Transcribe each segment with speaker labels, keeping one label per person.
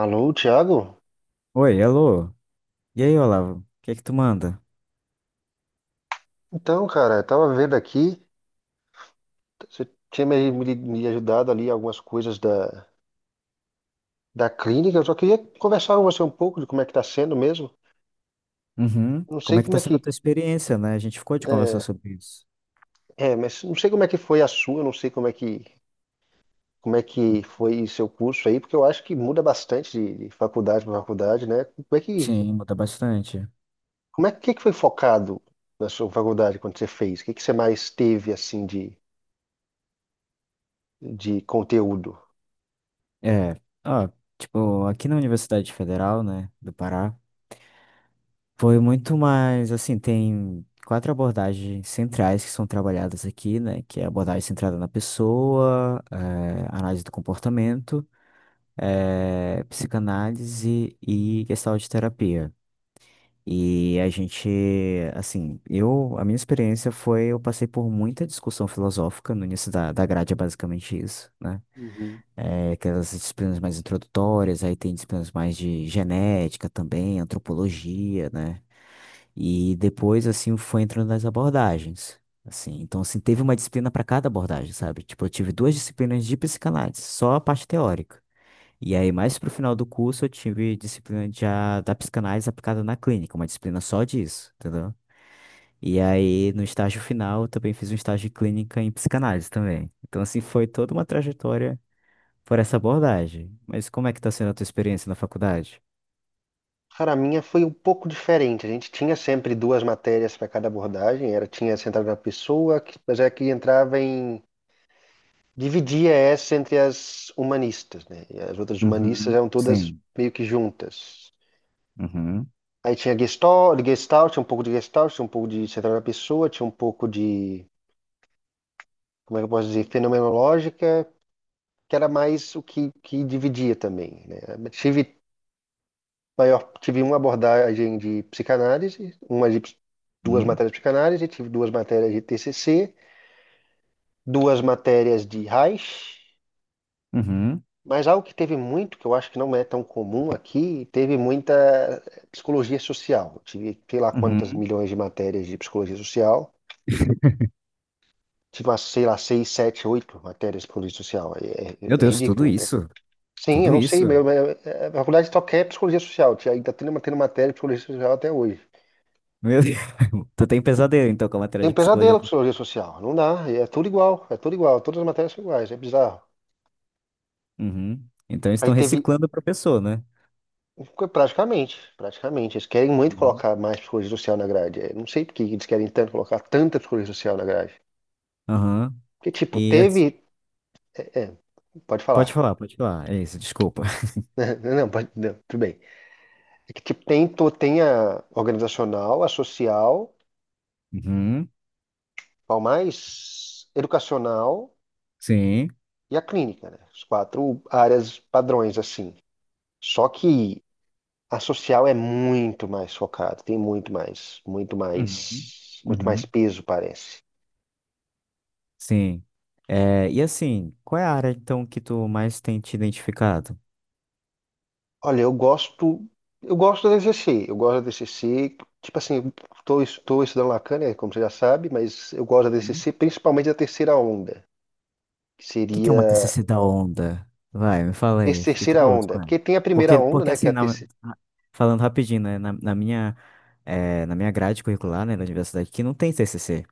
Speaker 1: Alô, Thiago?
Speaker 2: Oi, alô. E aí, Olavo? O que é que tu manda?
Speaker 1: Então, cara, eu tava vendo aqui, você tinha me ajudado ali algumas coisas da clínica. Eu só queria conversar com você um pouco de como é que tá sendo mesmo.
Speaker 2: Uhum.
Speaker 1: Não
Speaker 2: Como
Speaker 1: sei
Speaker 2: é que
Speaker 1: como
Speaker 2: tá
Speaker 1: é
Speaker 2: sendo a
Speaker 1: que,
Speaker 2: tua experiência, né? A gente ficou de conversar
Speaker 1: é,
Speaker 2: sobre isso.
Speaker 1: mas não sei como é que foi a sua, não sei como é como é que foi seu curso aí, porque eu acho que muda bastante de faculdade para faculdade, né?
Speaker 2: Sim, muda bastante.
Speaker 1: Como é que foi focado na sua faculdade quando você fez? O que que você mais teve, assim, de conteúdo?
Speaker 2: É, ó, tipo, aqui na Universidade Federal, né, do Pará, foi muito mais, assim, tem quatro abordagens centrais que são trabalhadas aqui, né, que é a abordagem centrada na pessoa, análise do comportamento, psicanálise e gestalt terapia. E a gente, assim, eu, a minha experiência foi, eu passei por muita discussão filosófica no início da grade, é basicamente isso, né?
Speaker 1: Uhum.
Speaker 2: É, aquelas disciplinas mais introdutórias, aí tem disciplinas mais de genética também, antropologia, né? E depois, assim, foi entrando nas abordagens, assim. Então, assim, teve uma disciplina para cada abordagem, sabe? Tipo, eu tive duas disciplinas de psicanálise, só a parte teórica. E aí, mais pro final do curso, eu tive disciplina de, da psicanálise aplicada na clínica, uma disciplina só disso, entendeu? E aí, no estágio final, eu também fiz um estágio de clínica em psicanálise também. Então, assim, foi toda uma trajetória por essa abordagem. Mas como é que tá sendo a tua experiência na faculdade?
Speaker 1: Cara, a minha foi um pouco diferente. A gente tinha sempre duas matérias para cada abordagem. Era, tinha centrado na pessoa, mas era que entrava em... Dividia essa entre as humanistas, né? E as outras humanistas
Speaker 2: Uhum,
Speaker 1: eram todas
Speaker 2: sim.
Speaker 1: meio que juntas.
Speaker 2: Uhum,
Speaker 1: Aí tinha Gestalt, tinha um pouco de Gestalt, tinha um pouco de centrado na pessoa, tinha um pouco de, como é que eu posso dizer, fenomenológica, que era mais o que, que dividia também, né? Tive Daí eu tive uma abordagem de psicanálise, duas
Speaker 2: uhum,
Speaker 1: matérias de psicanálise, tive duas matérias de TCC, duas matérias de Reich,
Speaker 2: uhum,
Speaker 1: mas algo que teve muito, que eu acho que não é tão comum aqui, teve muita psicologia social. Tive sei lá quantas
Speaker 2: uhum.
Speaker 1: milhões de matérias de psicologia social, tive umas, sei lá, seis, sete, oito matérias de psicologia social.
Speaker 2: Meu
Speaker 1: É
Speaker 2: Deus, tudo
Speaker 1: ridículo até.
Speaker 2: isso?
Speaker 1: Sim, eu
Speaker 2: Tudo
Speaker 1: não sei,
Speaker 2: isso?
Speaker 1: mas é, a faculdade só quer psicologia social, ainda tem tem matéria de psicologia social até hoje.
Speaker 2: Meu Deus. Tu tem pesadelo, então, com a matéria
Speaker 1: Tem um
Speaker 2: de
Speaker 1: pesadelo
Speaker 2: psicologia.
Speaker 1: com psicologia social. Não dá. É tudo igual. É tudo igual. Todas as matérias são iguais. É bizarro.
Speaker 2: Uhum. Então, eles
Speaker 1: Aí
Speaker 2: estão
Speaker 1: teve.
Speaker 2: reciclando o professor, né?
Speaker 1: Praticamente. Eles querem muito
Speaker 2: Uhum.
Speaker 1: colocar mais psicologia social na grade. É, não sei por que eles querem tanto colocar tanta psicologia social na grade.
Speaker 2: Aham.
Speaker 1: Porque, tipo,
Speaker 2: E
Speaker 1: teve.
Speaker 2: as-
Speaker 1: É, pode
Speaker 2: pode
Speaker 1: falar.
Speaker 2: falar, pode falar. É isso, desculpa.
Speaker 1: Não, pode, não, tudo bem. É que, tipo, tem a organizacional, a social,
Speaker 2: Uhum,
Speaker 1: qual mais? Educacional
Speaker 2: sim.
Speaker 1: e a clínica, né? As quatro áreas padrões, assim. Só que a social é muito mais focada, tem muito
Speaker 2: Uhum,
Speaker 1: muito mais
Speaker 2: uhum,
Speaker 1: peso, parece.
Speaker 2: sim. É, e assim, qual é a área então que tu mais tem te identificado?
Speaker 1: Olha, eu gosto da DCC, eu gosto da DCC, tipo assim, eu estou estudando Lacan, né, como você já sabe, mas eu gosto da
Speaker 2: Uhum.
Speaker 1: DCC
Speaker 2: O
Speaker 1: principalmente da terceira onda, que
Speaker 2: que que é uma
Speaker 1: seria
Speaker 2: TCC da onda? Vai, me fala aí,
Speaker 1: essa
Speaker 2: eu fiquei
Speaker 1: terceira
Speaker 2: curioso
Speaker 1: onda,
Speaker 2: com ela.
Speaker 1: porque tem a primeira
Speaker 2: Porque,
Speaker 1: onda,
Speaker 2: porque
Speaker 1: né, que é
Speaker 2: assim,
Speaker 1: a terceira,
Speaker 2: na- falando rapidinho, né, na minha, na minha grade curricular, né, da universidade, que não tem TCC.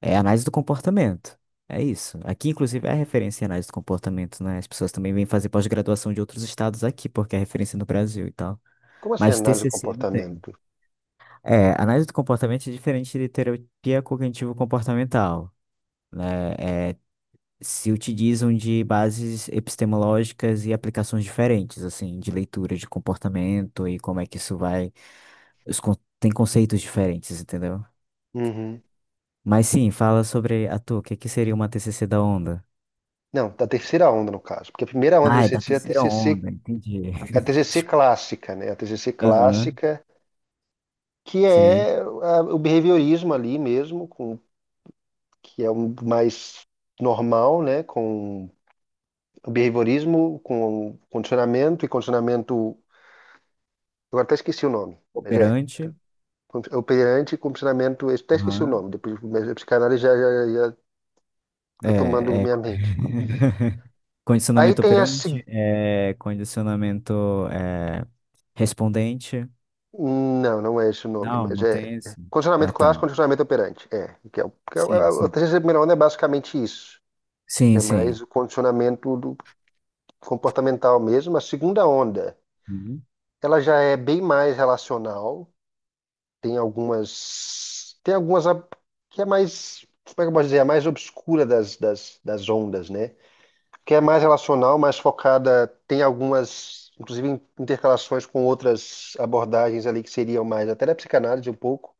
Speaker 2: É análise do comportamento. É isso. Aqui, inclusive, é a referência em análise do comportamento, né? As pessoas também vêm fazer pós-graduação de outros estados aqui, porque é referência no Brasil e tal.
Speaker 1: como assim,
Speaker 2: Mas
Speaker 1: análise do
Speaker 2: TCC não tem.
Speaker 1: comportamento?
Speaker 2: É, análise do comportamento é diferente de terapia cognitivo-comportamental, né? É, se utilizam de bases epistemológicas e aplicações diferentes, assim, de leitura de comportamento e como é que isso vai. Tem conceitos diferentes, entendeu?
Speaker 1: Uhum.
Speaker 2: Mas sim, fala sobre a tua, o que que seria uma TCC da onda?
Speaker 1: Não, da terceira onda no caso, porque a primeira onda da
Speaker 2: Ah, é da
Speaker 1: DCC é a
Speaker 2: terceira
Speaker 1: TCC,
Speaker 2: onda, entendi. Desculpa.
Speaker 1: a TCC
Speaker 2: Aham,
Speaker 1: clássica que
Speaker 2: sim.
Speaker 1: é o behaviorismo ali mesmo, com, que é o mais normal, né? Com o behaviorismo, com condicionamento. Eu até esqueci o nome, mas é.
Speaker 2: Operante.
Speaker 1: É Operante e condicionamento. Eu até esqueci o
Speaker 2: Aham.
Speaker 1: nome, depois mas a psicanálise já tá tomando
Speaker 2: É, é.
Speaker 1: minha mente. Aí
Speaker 2: Condicionamento
Speaker 1: tem a. se-
Speaker 2: operante, é, condicionamento é, respondente.
Speaker 1: Não, não é esse o nome,
Speaker 2: Não,
Speaker 1: mas
Speaker 2: não
Speaker 1: é.
Speaker 2: tem
Speaker 1: É
Speaker 2: esse.
Speaker 1: Condicionamento
Speaker 2: Ah, tá.
Speaker 1: clássico, condicionamento operante. É.
Speaker 2: Sim,
Speaker 1: A
Speaker 2: sim.
Speaker 1: terceira primeira onda é basicamente isso. Que
Speaker 2: Sim,
Speaker 1: é
Speaker 2: sim.
Speaker 1: mais o condicionamento do, comportamental mesmo. A segunda onda,
Speaker 2: Uhum.
Speaker 1: ela já é bem mais relacional, tem algumas que é mais, como é que eu posso dizer, a mais obscura das ondas, né? Que é mais relacional, mais focada, tem algumas, inclusive, intercalações com outras abordagens ali que seriam mais, até da psicanálise um pouco,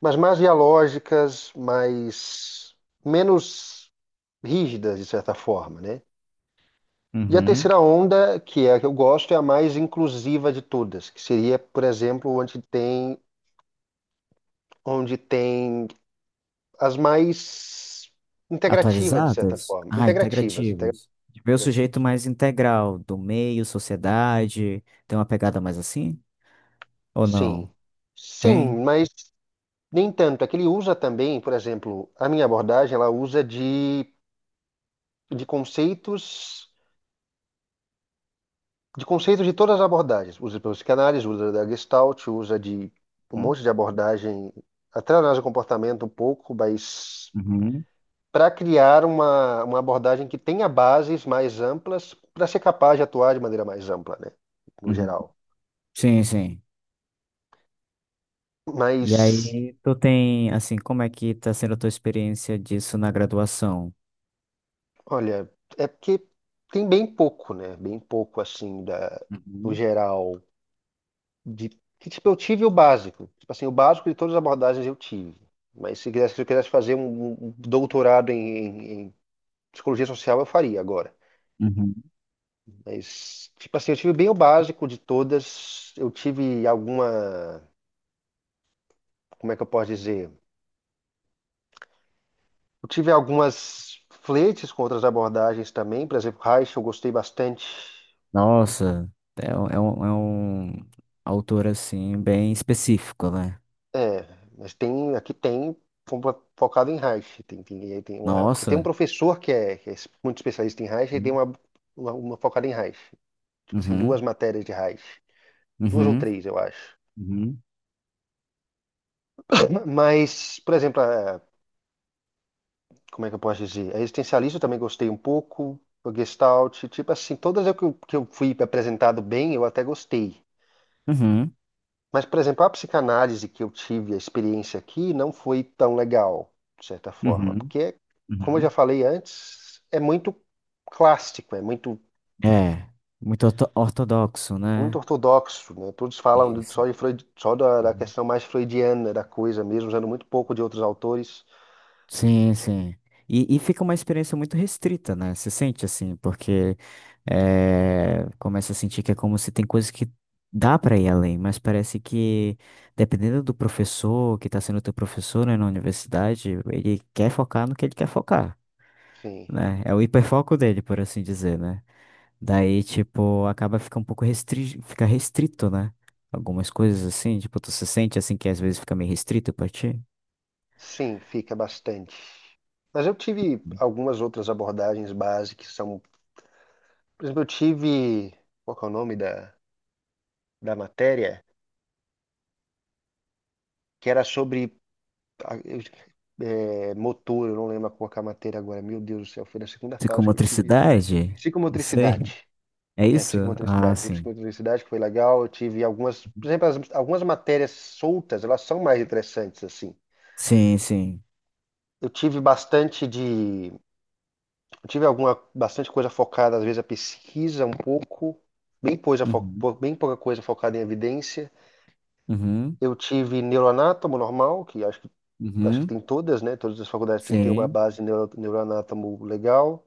Speaker 1: mas mais dialógicas, mais, menos rígidas, de certa forma, né? E a
Speaker 2: Uhum.
Speaker 1: terceira onda, que é a que eu gosto, é a mais inclusiva de todas, que seria, por exemplo, onde tem as mais integrativas, de certa
Speaker 2: Atualizadas?
Speaker 1: forma.
Speaker 2: Ah, integrativas. De ver o sujeito
Speaker 1: Integrativas.
Speaker 2: mais integral, do meio, sociedade. Tem uma pegada mais assim? Ou não?
Speaker 1: Sim. Sim,
Speaker 2: Tem?
Speaker 1: mas nem tanto. É que ele usa também, por exemplo, a minha abordagem, ela usa de, de conceitos, de conceitos de todas as abordagens. Usa pela psicanálise, usa da Gestalt, usa de um
Speaker 2: Hum?
Speaker 1: monte de abordagem, até análise do comportamento um pouco, mas
Speaker 2: Uhum.
Speaker 1: para criar uma abordagem que tenha bases mais amplas para ser capaz de atuar de maneira mais ampla, né? No
Speaker 2: Uhum.
Speaker 1: geral.
Speaker 2: Sim, sim. E
Speaker 1: Mas,
Speaker 2: aí, tu tem, assim, como é que tá sendo a tua experiência disso na graduação?
Speaker 1: olha, é porque tem bem pouco, né? Bem pouco, assim, da, no
Speaker 2: Uhum.
Speaker 1: geral. De, que, tipo, eu tive o básico. Tipo assim, o básico de todas as abordagens eu tive. Mas se quisesse, se eu quisesse fazer um doutorado em, em psicologia social, eu faria agora.
Speaker 2: Uhum.
Speaker 1: Mas, tipo assim, eu tive bem o básico de todas. Eu tive alguma, como é que eu posso dizer? Eu tive algumas fletes com outras abordagens também, por exemplo, Reich eu gostei bastante.
Speaker 2: Nossa, é um autor, assim, bem específico, né?
Speaker 1: É, mas tem, aqui tem fo- focado em Reich. Aí tem uma, porque tem um
Speaker 2: Nossa.
Speaker 1: professor que é muito especialista em Reich e tem
Speaker 2: Uhum.
Speaker 1: uma focada em Reich. Tipo assim, duas
Speaker 2: Uhum,
Speaker 1: matérias de Reich. Duas ou
Speaker 2: uhum,
Speaker 1: três, eu acho.
Speaker 2: Uhum.
Speaker 1: Mas, por exemplo, como é que eu posso dizer? A existencialista eu também gostei um pouco. A Gestalt, tipo assim, todas eu que eu fui apresentado bem, eu até gostei.
Speaker 2: uhum,
Speaker 1: Mas, por exemplo, a psicanálise que eu tive a experiência aqui não foi tão legal, de certa forma,
Speaker 2: uhum.
Speaker 1: porque, como eu já
Speaker 2: Uhum.
Speaker 1: falei antes, é muito clássico, é muito,
Speaker 2: É, muito ortodoxo,
Speaker 1: muito
Speaker 2: né?
Speaker 1: ortodoxo, né? Todos falam
Speaker 2: Isso.
Speaker 1: só de Freud, só da questão mais freudiana da coisa mesmo, usando muito pouco de outros autores.
Speaker 2: Sim, sim. E fica uma experiência muito restrita, né? Você sente assim, porque começa a sentir que é como se tem coisas que dá para ir além, mas parece que, dependendo do professor que está sendo teu professor, né, na universidade, ele quer focar no que ele quer focar,
Speaker 1: Sim,
Speaker 2: né? É o hiperfoco dele, por assim dizer, né? Daí, tipo, acaba fica um pouco fica restrito, né? Algumas coisas assim, tipo, tu se sente assim que às vezes fica meio restrito pra ti?
Speaker 1: sim, fica bastante. Mas eu tive algumas outras abordagens básicas, que são, por exemplo, eu tive, qual que é o nome da matéria? Que era sobre a- eu- é, motor, eu não lembro qual que é a matéria agora. Meu Deus do céu, foi na segunda fase que eu tive isso.
Speaker 2: Psicomotricidade? Não sei.
Speaker 1: Psicomotricidade.
Speaker 2: É
Speaker 1: É,
Speaker 2: isso? Ah,
Speaker 1: psicomotricidade. E
Speaker 2: sim.
Speaker 1: psicomotricidade que foi legal. Eu tive algumas, por
Speaker 2: Uhum.
Speaker 1: exemplo, algumas matérias soltas, elas são mais interessantes assim.
Speaker 2: Sim, sim.
Speaker 1: Eu tive bastante de, eu tive alguma bastante coisa focada às vezes a pesquisa um pouco,
Speaker 2: Uhum,
Speaker 1: bem pouca coisa focada em evidência.
Speaker 2: uhum,
Speaker 1: Eu tive neuroanátomo normal, que acho que
Speaker 2: uhum,
Speaker 1: tem todas, né? Todas as faculdades têm que ter uma
Speaker 2: sim,
Speaker 1: base neuroanátomo legal.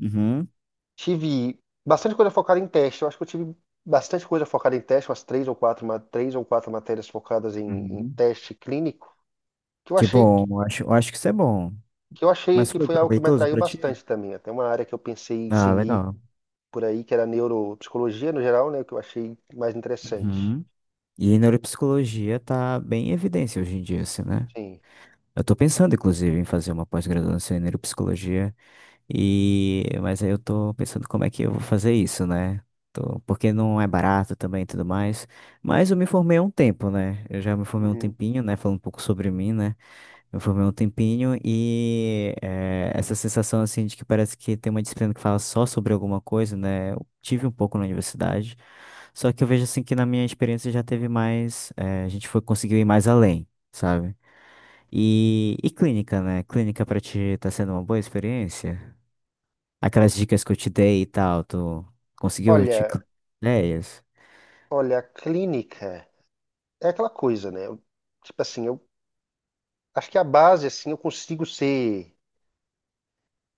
Speaker 2: uhum,
Speaker 1: Tive bastante coisa focada em teste. Eu acho que eu tive bastante coisa focada em teste, umas três ou quatro, três ou quatro matérias focadas em, em
Speaker 2: uhum.
Speaker 1: teste clínico, que eu
Speaker 2: Que
Speaker 1: achei
Speaker 2: bom,
Speaker 1: que
Speaker 2: eu acho que isso é bom.
Speaker 1: que eu achei
Speaker 2: Mas
Speaker 1: que
Speaker 2: foi
Speaker 1: foi algo que me
Speaker 2: proveitoso
Speaker 1: atraiu
Speaker 2: pra ti?
Speaker 1: bastante também. Até uma área que eu pensei em
Speaker 2: Ah,
Speaker 1: seguir
Speaker 2: legal.
Speaker 1: por aí, que era neuropsicologia no geral, né? Que eu achei mais interessante.
Speaker 2: Uhum. E neuropsicologia tá bem em evidência hoje em dia, assim, né?
Speaker 1: Sim.
Speaker 2: Eu tô pensando, inclusive, em fazer uma pós-graduação em neuropsicologia. E, mas aí eu tô pensando como é que eu vou fazer isso, né? Porque não é barato também e tudo mais. Mas eu me formei há um tempo, né? Eu já me formei há um
Speaker 1: Uhum.
Speaker 2: tempinho, né? Falando um pouco sobre mim, né? Me formei há um tempinho e essa sensação, assim, de que parece que tem uma disciplina que fala só sobre alguma coisa, né? Eu tive um pouco na universidade. Só que eu vejo, assim, que na minha experiência já teve mais. A gente foi, conseguiu ir mais além, sabe? E clínica, né? Clínica pra ti tá sendo uma boa experiência? Aquelas dicas que eu te dei e tal, tu conseguiu te
Speaker 1: Olha,
Speaker 2: ideias?
Speaker 1: Olha, a clínica é aquela coisa, né? Tipo assim, eu acho que a base, assim, eu consigo ser,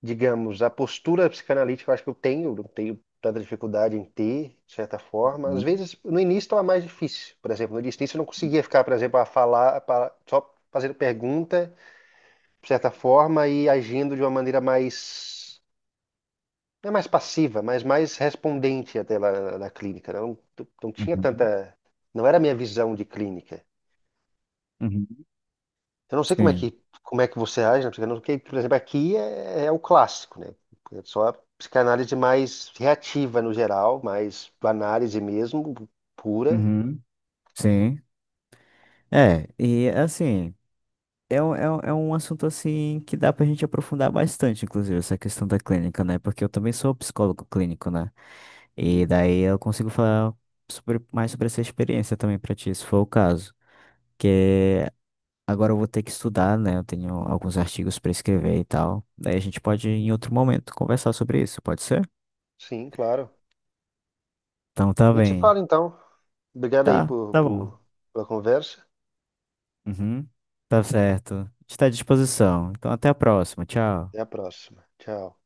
Speaker 1: digamos, a postura psicanalítica, eu acho que eu tenho, não tenho tanta dificuldade em ter, de certa forma. Às
Speaker 2: Uhum,
Speaker 1: vezes, no início estava mais difícil, por exemplo, no início eu não conseguia ficar, por exemplo, a falar, só fazendo pergunta, de certa forma, e agindo de uma maneira mais, não é mais passiva, mas mais respondente até lá na clínica. Não, não tinha
Speaker 2: uhum,
Speaker 1: tanta, não era a minha visão de clínica.
Speaker 2: uhum.
Speaker 1: Eu não sei como é
Speaker 2: Sim.
Speaker 1: como é que você age na psicanálise, porque, por exemplo, aqui é, é o clássico, né? É só a psicanálise mais reativa no geral, mais análise mesmo, pura.
Speaker 2: Uhum. Sim. É, e assim, é um assunto assim que dá pra gente aprofundar bastante, inclusive, essa questão da clínica, né? Porque eu também sou psicólogo clínico, né? E
Speaker 1: Uhum.
Speaker 2: daí eu consigo falar sobre, mais sobre essa experiência também pra ti, se for o caso. Que Agora eu vou ter que estudar, né? Eu tenho alguns artigos para escrever e tal. Daí a gente pode, em outro momento, conversar sobre isso, pode ser?
Speaker 1: Sim, claro.
Speaker 2: Então tá
Speaker 1: A gente se
Speaker 2: bem.
Speaker 1: fala então. Obrigado aí
Speaker 2: Tá, tá bom.
Speaker 1: pela conversa.
Speaker 2: Uhum. Tá certo. Está à disposição. Então até a próxima. Tchau.
Speaker 1: Até a próxima. Tchau.